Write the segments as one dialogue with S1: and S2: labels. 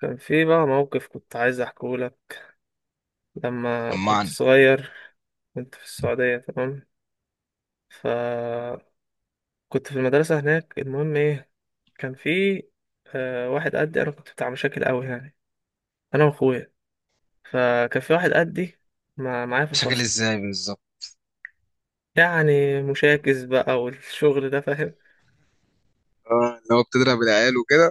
S1: كان في بقى موقف كنت عايز احكيه لك لما كنت
S2: طمعني.
S1: صغير. كنت في السعودية، تمام؟ فكنت في المدرسة هناك. المهم ايه، كان في واحد قدي، انا كنت بتاع مشاكل قوي يعني، انا واخويا. فكان في واحد قدي معايا في
S2: مشاكل
S1: الفصل.
S2: ازاي بالظبط؟
S1: يعني مشاكس بقى والشغل ده، فاهم؟
S2: اه، اللي هو بتضرب العيال وكده.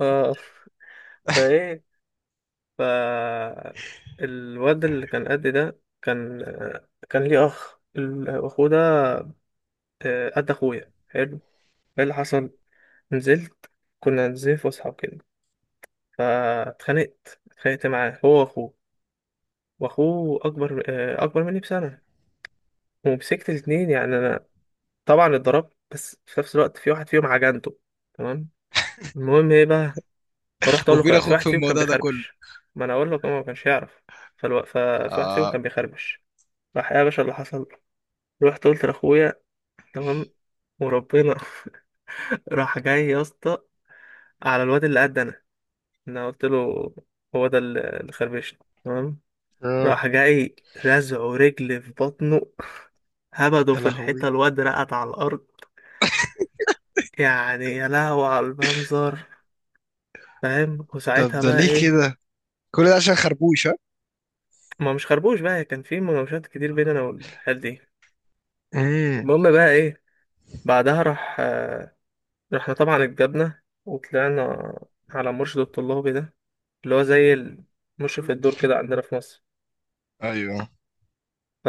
S1: اه. فايه؟ ف الواد اللي كان قدي ده كان، ليه اخ. الاخو ده قد اخويا، حلو. ايه اللي حصل، نزلت. كنا نازلين فسحه وكده، فاتخانقت معاه، هو واخوه. واخوه اكبر، اكبر مني بسنه. ومسكت الاتنين يعني انا، طبعا اتضربت، بس في نفس الوقت في واحد فيهم عجنته، تمام. المهم ايه بقى، فرحت اقول
S2: وفين
S1: له في
S2: اخوك
S1: واحد
S2: في
S1: فيهم كان
S2: الموضوع ده كله؟
S1: بيخربش. ما انا اقول لك هو ما كانش يعرف. ففي واحد فيهم
S2: اه.
S1: كان بيخربش. راح، إيه يا باشا اللي حصل. رحت قلت لاخويا، تمام، وربنا. راح جاي يا اسطى على الواد اللي قد انا. انا قلت له هو ده الخربشة، تمام.
S2: اه.
S1: راح جاي، رزعه رجل في بطنه، هبده
S2: يا
S1: في الحيطة،
S2: لهوي.
S1: الواد رقد على الأرض. يعني يا لهوي على المنظر، فاهم.
S2: طب
S1: وساعتها
S2: ده
S1: بقى
S2: ليه
S1: ايه،
S2: كده؟ كل ده عشان خربوش؟ ها.
S1: ما مش خربوش بقى، كان في مناوشات كتير بين انا والحال دي.
S2: امم
S1: المهم بقى ايه، بعدها راح، رحنا طبعا، اتجبنا وطلعنا على المرشد الطلابي ده، اللي هو زي مشرف الدور كده عندنا في مصر.
S2: ايوه.
S1: ف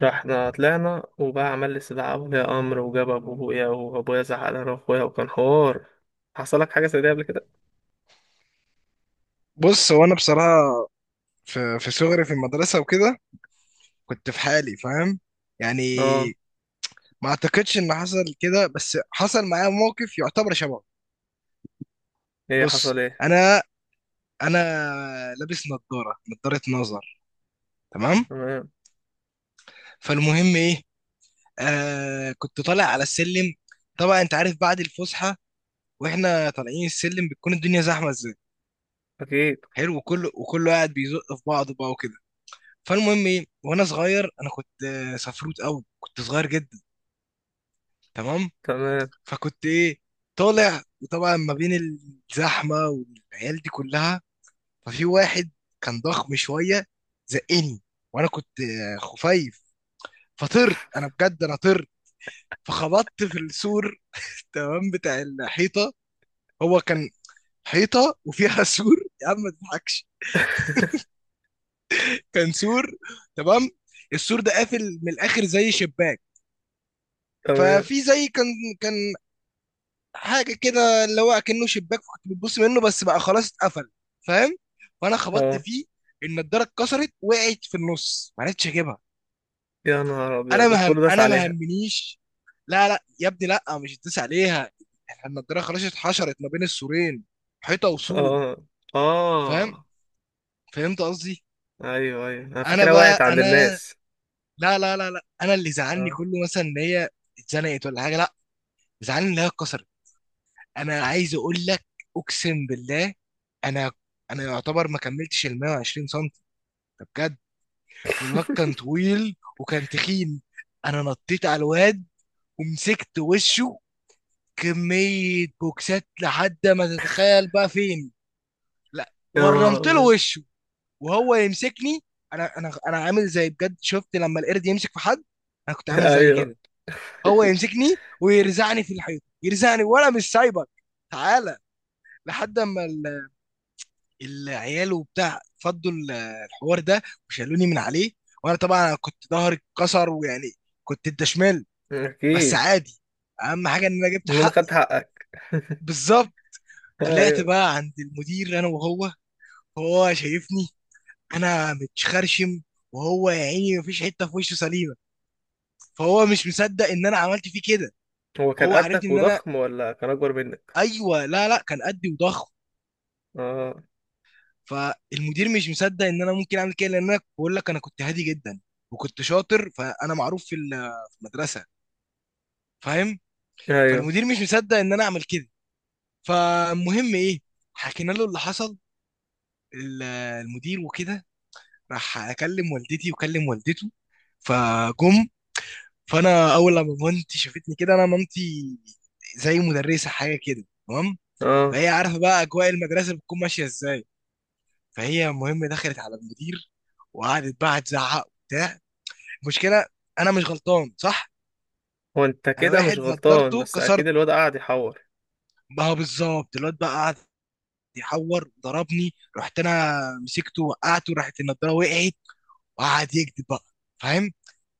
S1: ده احنا طلعنا وبقى عمل لي استدعاء ولي امر، وجاب ابويا، وابويا زعق لنا واخويا، وكان حوار. حصل لك حاجه زي دي قبل كده؟
S2: بص، هو انا بصراحه في صغري في المدرسه وكده كنت في حالي، فاهم؟
S1: اه.
S2: يعني ما اعتقدش ان حصل كده، بس حصل معايا موقف يعتبر شبهه.
S1: ايه
S2: بص،
S1: حصل ايه.
S2: انا انا لابس نظاره نظر، تمام؟
S1: تمام.
S2: فالمهم ايه، كنت طالع على السلم. طبعا انت عارف بعد الفسحه واحنا طالعين السلم بتكون الدنيا زحمه ازاي.
S1: اكيد.
S2: حلو، وكله قاعد بيزق في بعضه بقى وكده. فالمهم ايه، وانا صغير انا كنت سفروت قوي، كنت صغير جدا، تمام؟
S1: تمام،
S2: فكنت ايه، طالع، وطبعا ما بين الزحمه والعيال دي كلها ففي واحد كان ضخم شويه زقني، وانا كنت خفيف، فطرت انا بجد، انا طرت، فخبطت في السور تمام، بتاع الحيطه. هو كان حيطه وفيها سور. يا عم ما تضحكش، كان سور، تمام. السور ده قافل من الاخر زي شباك.
S1: تمام.
S2: ففي زي كان حاجه كده اللي هو اكنه شباك كنت بتبص منه بس بقى خلاص اتقفل، فاهم؟ فانا خبطت
S1: اه.
S2: فيه، النضاره اتكسرت، وقعت في النص، ما عرفتش اجيبها.
S1: يا نهار
S2: انا
S1: ابيض،
S2: مهم،
S1: كله داس
S2: انا ما
S1: عليها.
S2: همنيش. لا لا يا ابني، لا، مش هتدوس عليها، احنا النضاره خلاص اتحشرت ما بين السورين، حيطه وسور،
S1: اه. اه.
S2: فاهم؟ فهمت قصدي؟
S1: ايوه ايوه، انا
S2: انا
S1: فكرة وقعت
S2: بقى
S1: عند
S2: انا
S1: الناس.
S2: لا لا لا لا، انا اللي زعلني
S1: اه.
S2: كله مثلا ان هي اتزنقت ولا حاجه، لا، زعلني ان هي اتكسرت. انا عايز اقول لك، اقسم بالله، انا انا يعتبر ما كملتش ال 120 سم، ده بجد، والواد كان طويل وكان تخين. انا نطيت على الواد ومسكت وشه كميه بوكسات لحد ما تتخيل بقى فين. لا،
S1: يا نهار
S2: ورمت له
S1: ابيض.
S2: وشه وهو يمسكني. انا عامل زي، بجد شفت لما القرد يمسك في حد، انا كنت عامل زي
S1: ايوه.
S2: كده. هو يمسكني ويرزعني في الحيط، يرزعني وانا مش سايبك، تعالى. لحد اما العيال وبتاع فضوا الحوار ده وشالوني من عليه. وانا طبعا كنت ظهري اتكسر، ويعني كنت انت شمال، بس
S1: اكيد.
S2: عادي، اهم حاجه ان انا جبت
S1: المهم
S2: حقي.
S1: خدت حقك.
S2: بالظبط. طلعت
S1: ايوه.
S2: بقى عند المدير انا وهو، هو شايفني انا متخرشم، وهو يا عيني مفيش حته في وشه سليمه، فهو مش مصدق ان انا عملت فيه كده
S1: هو كان
S2: وهو عارفني
S1: قدك
S2: ان انا،
S1: وضخم ولا كان اكبر منك؟
S2: ايوه، لا لا كان قدي وضخم.
S1: اه.
S2: فالمدير مش مصدق ان انا ممكن اعمل كده، لان انا بقول لك انا كنت هادي جدا وكنت شاطر، فانا معروف في في المدرسه، فاهم؟
S1: ايوه.
S2: فالمدير مش مصدق ان انا اعمل كده. فالمهم ايه، حكينا له اللي حصل ال- المدير وكده. راح اكلم والدتي وكلم والدته، فجم. فانا اول لما مامتي شافتني كده، انا مامتي زي مدرسه حاجه كده، تمام؟
S1: اه.
S2: فهي عارفه بقى اجواء المدرسه بتكون ماشيه ازاي. فهي المهم دخلت على المدير وقعدت بقى تزعق وبتاع. المشكله انا مش غلطان، صح؟
S1: هو انت
S2: انا
S1: كده مش
S2: واحد
S1: غلطان،
S2: نضارته
S1: بس اكيد
S2: كسرت،
S1: الواد قاعد يحور.
S2: ما هو بالظبط، الواد بقى قعد يحور، ضربني، رحت انا مسكته وقعته، راحت النضاره وقعت، وقعد يكذب بقى، فاهم؟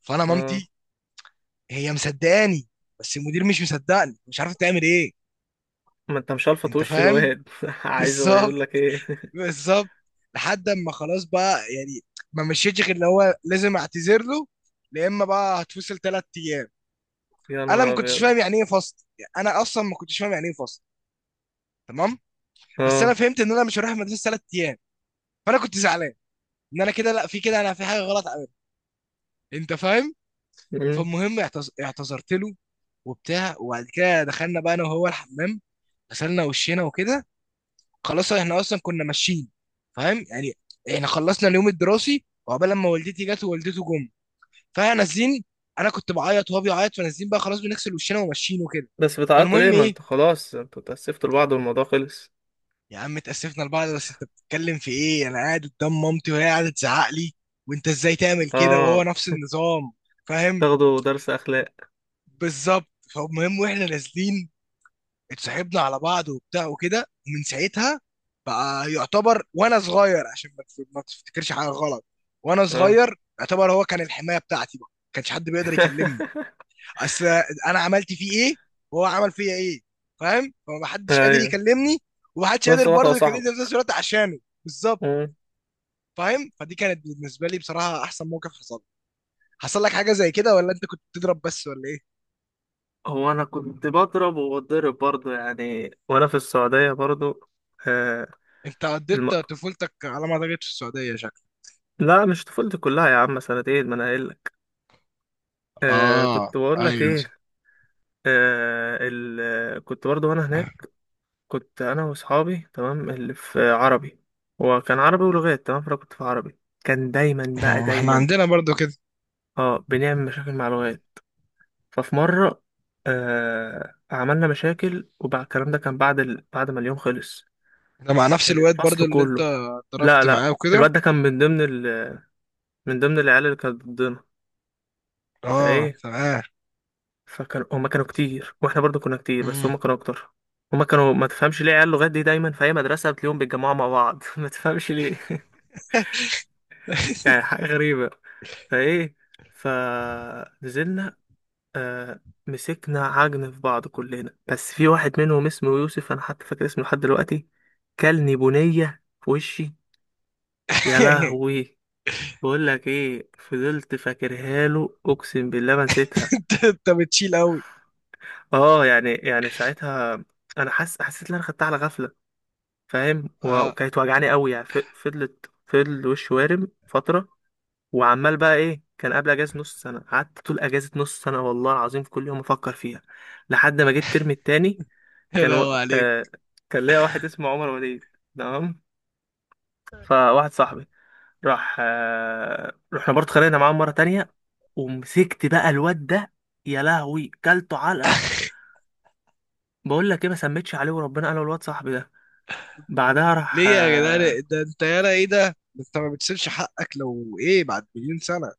S2: فانا
S1: اه.
S2: مامتي هي مصدقاني بس المدير مش مصدقني، مش عارفه تعمل ايه.
S1: ما انت مش هلفط
S2: انت
S1: وش
S2: فاهم؟
S1: الواد عايز هو
S2: بالظبط،
S1: يقول لك ايه؟
S2: بالظبط. لحد اما خلاص بقى يعني، ما مشيتش غير اللي هو لازم اعتذر له يا اما بقى هتفصل ثلاث ايام.
S1: يا
S2: انا
S1: نهار
S2: ما كنتش
S1: ابيض.
S2: فاهم يعني ايه فصل، يعني انا اصلا ما كنتش فاهم يعني ايه فصل، تمام؟ بس
S1: اه.
S2: انا فهمت ان انا مش هروح المدرسه ثلاث ايام، فانا كنت زعلان ان انا كده، لا، في كده انا في حاجه غلط عملها، انت فاهم؟
S1: مم.
S2: فالمهم اعتذرت له وبتاع، وبعد كده دخلنا بقى انا وهو الحمام، غسلنا وشينا وكده، خلاص احنا اصلا كنا ماشيين، فاهم يعني. احنا خلصنا اليوم الدراسي وعقبال لما والدتي جت ووالدته جم، فاحنا نازلين، انا كنت بعيط وهو بيعيط، فنازلين بقى خلاص بنغسل وشنا وماشيين وكده.
S1: بس بتعيطوا ليه،
S2: فالمهم
S1: ما
S2: ايه،
S1: انت خلاص انتوا اتأسفتوا لبعض والموضوع خلص.
S2: يا عم اتأسفنا لبعض، بس انت بتتكلم في ايه، انا قاعد قدام مامتي وهي قاعدة تزعق لي، وانت ازاي تعمل كده،
S1: اه.
S2: وهو نفس النظام، فاهم؟
S1: تاخدوا درس اخلاق.
S2: بالظبط. فالمهم واحنا نازلين اتصاحبنا على بعض وبتاع وكده، ومن ساعتها بقى يعتبر، وانا صغير، عشان ما ما تفتكرش حاجة غلط، وانا
S1: اه.
S2: صغير يعتبر هو كان الحماية بتاعتي بقى، ما كانش حد بيقدر يكلمني. اصل انا عملت فيه ايه، وهو عمل فيا ايه، فاهم؟ فمحدش قادر
S1: ايوه.
S2: يكلمني، ومحدش
S1: في نفس
S2: قادر
S1: الوقت هو
S2: برضه يكلمني في نفس
S1: صاحبك.
S2: الوقت عشانه. بالظبط.
S1: مم.
S2: فاهم، فدي كانت بالنسبه لي بصراحه احسن موقف حصل لي. حصل لك حاجه زي كده، ولا انت كنت بتضرب بس، ولا ايه؟
S1: هو انا كنت بضرب، وبضرب برضه يعني، وانا في السعوديه برضه. آه.
S2: انت
S1: الم...
S2: قضيت طفولتك على ما اعتقد في السعوديه، شكلك.
S1: لا، مش طفولتي كلها يا عم، سنتين ما انا قايل لك. كنت
S2: اه.
S1: بقول لك
S2: ايوه.
S1: ايه. كنت برضو وانا هناك. كنت انا واصحابي، تمام، اللي في عربي. هو كان عربي ولغات، تمام، فانا كنت في عربي. كان دايما بقى
S2: ما احنا
S1: دايما.
S2: عندنا برضو كده.
S1: اه، بنعمل مشاكل مع لغات. ففي مره، عملنا مشاكل. وبعد الكلام ده كان بعد بعد ما اليوم خلص.
S2: ده مع نفس
S1: كان
S2: الواد برضو
S1: الفصل
S2: اللي انت
S1: كله. لا
S2: ضربت
S1: لا،
S2: معاه وكده؟
S1: الواد ده كان من ضمن من ضمن العيال اللي كانت ضدنا.
S2: اه
S1: فايه؟
S2: تمام.
S1: فكانوا، هما كانوا كتير واحنا برضو كنا كتير، بس
S2: مم.
S1: هما كانوا اكتر. هما كانوا، ما تفهمش ليه عيال لغات دي دايما في اي مدرسه بتلاقيهم بيتجمعوا مع بعض ما تفهمش ليه يعني حاجه غريبه. فايه؟ فنزلنا، آه مسكنا عجن في بعض كلنا، بس في واحد منهم اسمه يوسف، انا حتى فاكر اسمه لحد دلوقتي. كلني بنيه في وشي، يا لهوي. بقول لك ايه، فضلت فاكرها له، اقسم بالله ما نسيتها.
S2: انت بتشيل قوي.
S1: اه، يعني ساعتها انا حاسس، حسيت ان انا خدتها على غفله، فاهم،
S2: اه.
S1: وكانت وجعاني قوي يعني، فضلت فضل وشي وارم فتره. وعمال بقى ايه، كان قبل اجازه نص سنه. قعدت طول اجازه نص سنه، والله العظيم في كل يوم افكر فيها، لحد ما جيت الترم التاني. كان
S2: حلو
S1: و...
S2: عليك.
S1: آه... كان ليا واحد اسمه عمر وليد، تمام. فواحد صاحبي، رحنا برضه، خلينا معاه مره تانية. ومسكت بقى الواد ده، يا لهوي، كلته علقه. بقول لك ايه، ما سميتش عليه وربنا، انا والواد صاحبي ده. بعدها راح،
S2: ليه يا جدعان، ده انت يالا ايه ده، ده انت ما بتسيبش حقك لو ايه بعد مليون سنه.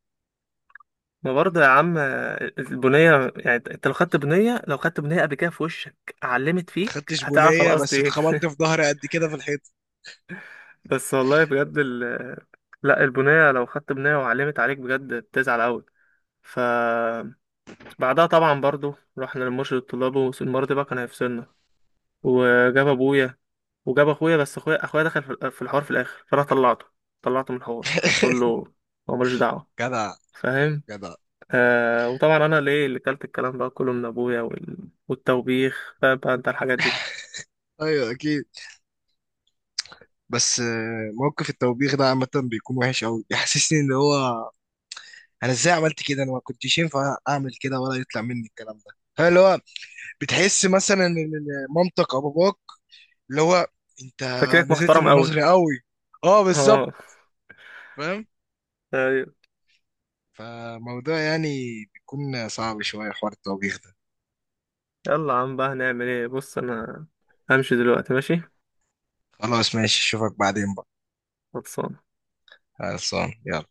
S1: ما برضه يا عم، البنية يعني، انت لو خدت بنية، لو خدت بنية قبل كده في وشك علمت
S2: ما
S1: فيك
S2: خدتش
S1: هتعرف انا
S2: بنيه،
S1: قصدي
S2: بس
S1: ايه.
S2: اتخبطت في ظهري قد كده في الحيط.
S1: بس والله بجد، لا، البنية لو خدت بنية وعلمت عليك بجد بتزعل قوي. فبعدها طبعا برضو رحنا لمرشد الطلاب، والمرة دي بقى كان هيفصلنا. وجاب ابويا، وجاب اخويا، بس اخويا دخل في في الحوار في الاخر، فانا طلعته. طلعته من الحوار، هتقول له هو ملوش دعوة،
S2: جدع.
S1: فاهم.
S2: جدع.
S1: وطبعا انا ليه اللي كلت الكلام ده كله من ابويا والتوبيخ. فاهم بقى انت الحاجات دي؟
S2: ايوه اكيد، بس موقف التوبيخ ده عامه بيكون وحش قوي، يحسسني ان هو انا ازاي عملت كده، انا ما كنتش ينفع اعمل كده ولا يطلع مني الكلام ده. هل اللي هو بتحس مثلا ان إن مامتك او باباك اللي هو انت
S1: فاكرك
S2: نزلت
S1: محترم
S2: من
S1: قوي.
S2: نظري قوي؟ اه بالظبط.
S1: اه.
S2: فاهم.
S1: ايوه.
S2: فموضوع يعني بيكون صعب شويه حوار التوبيخ ده.
S1: يلا يا عم بقى، هنعمل ايه. بص انا همشي دلوقتي، ماشي.
S2: خلاص ماشي، اشوفك بعدين بقى.
S1: خلصان.
S2: خلصان، يلا.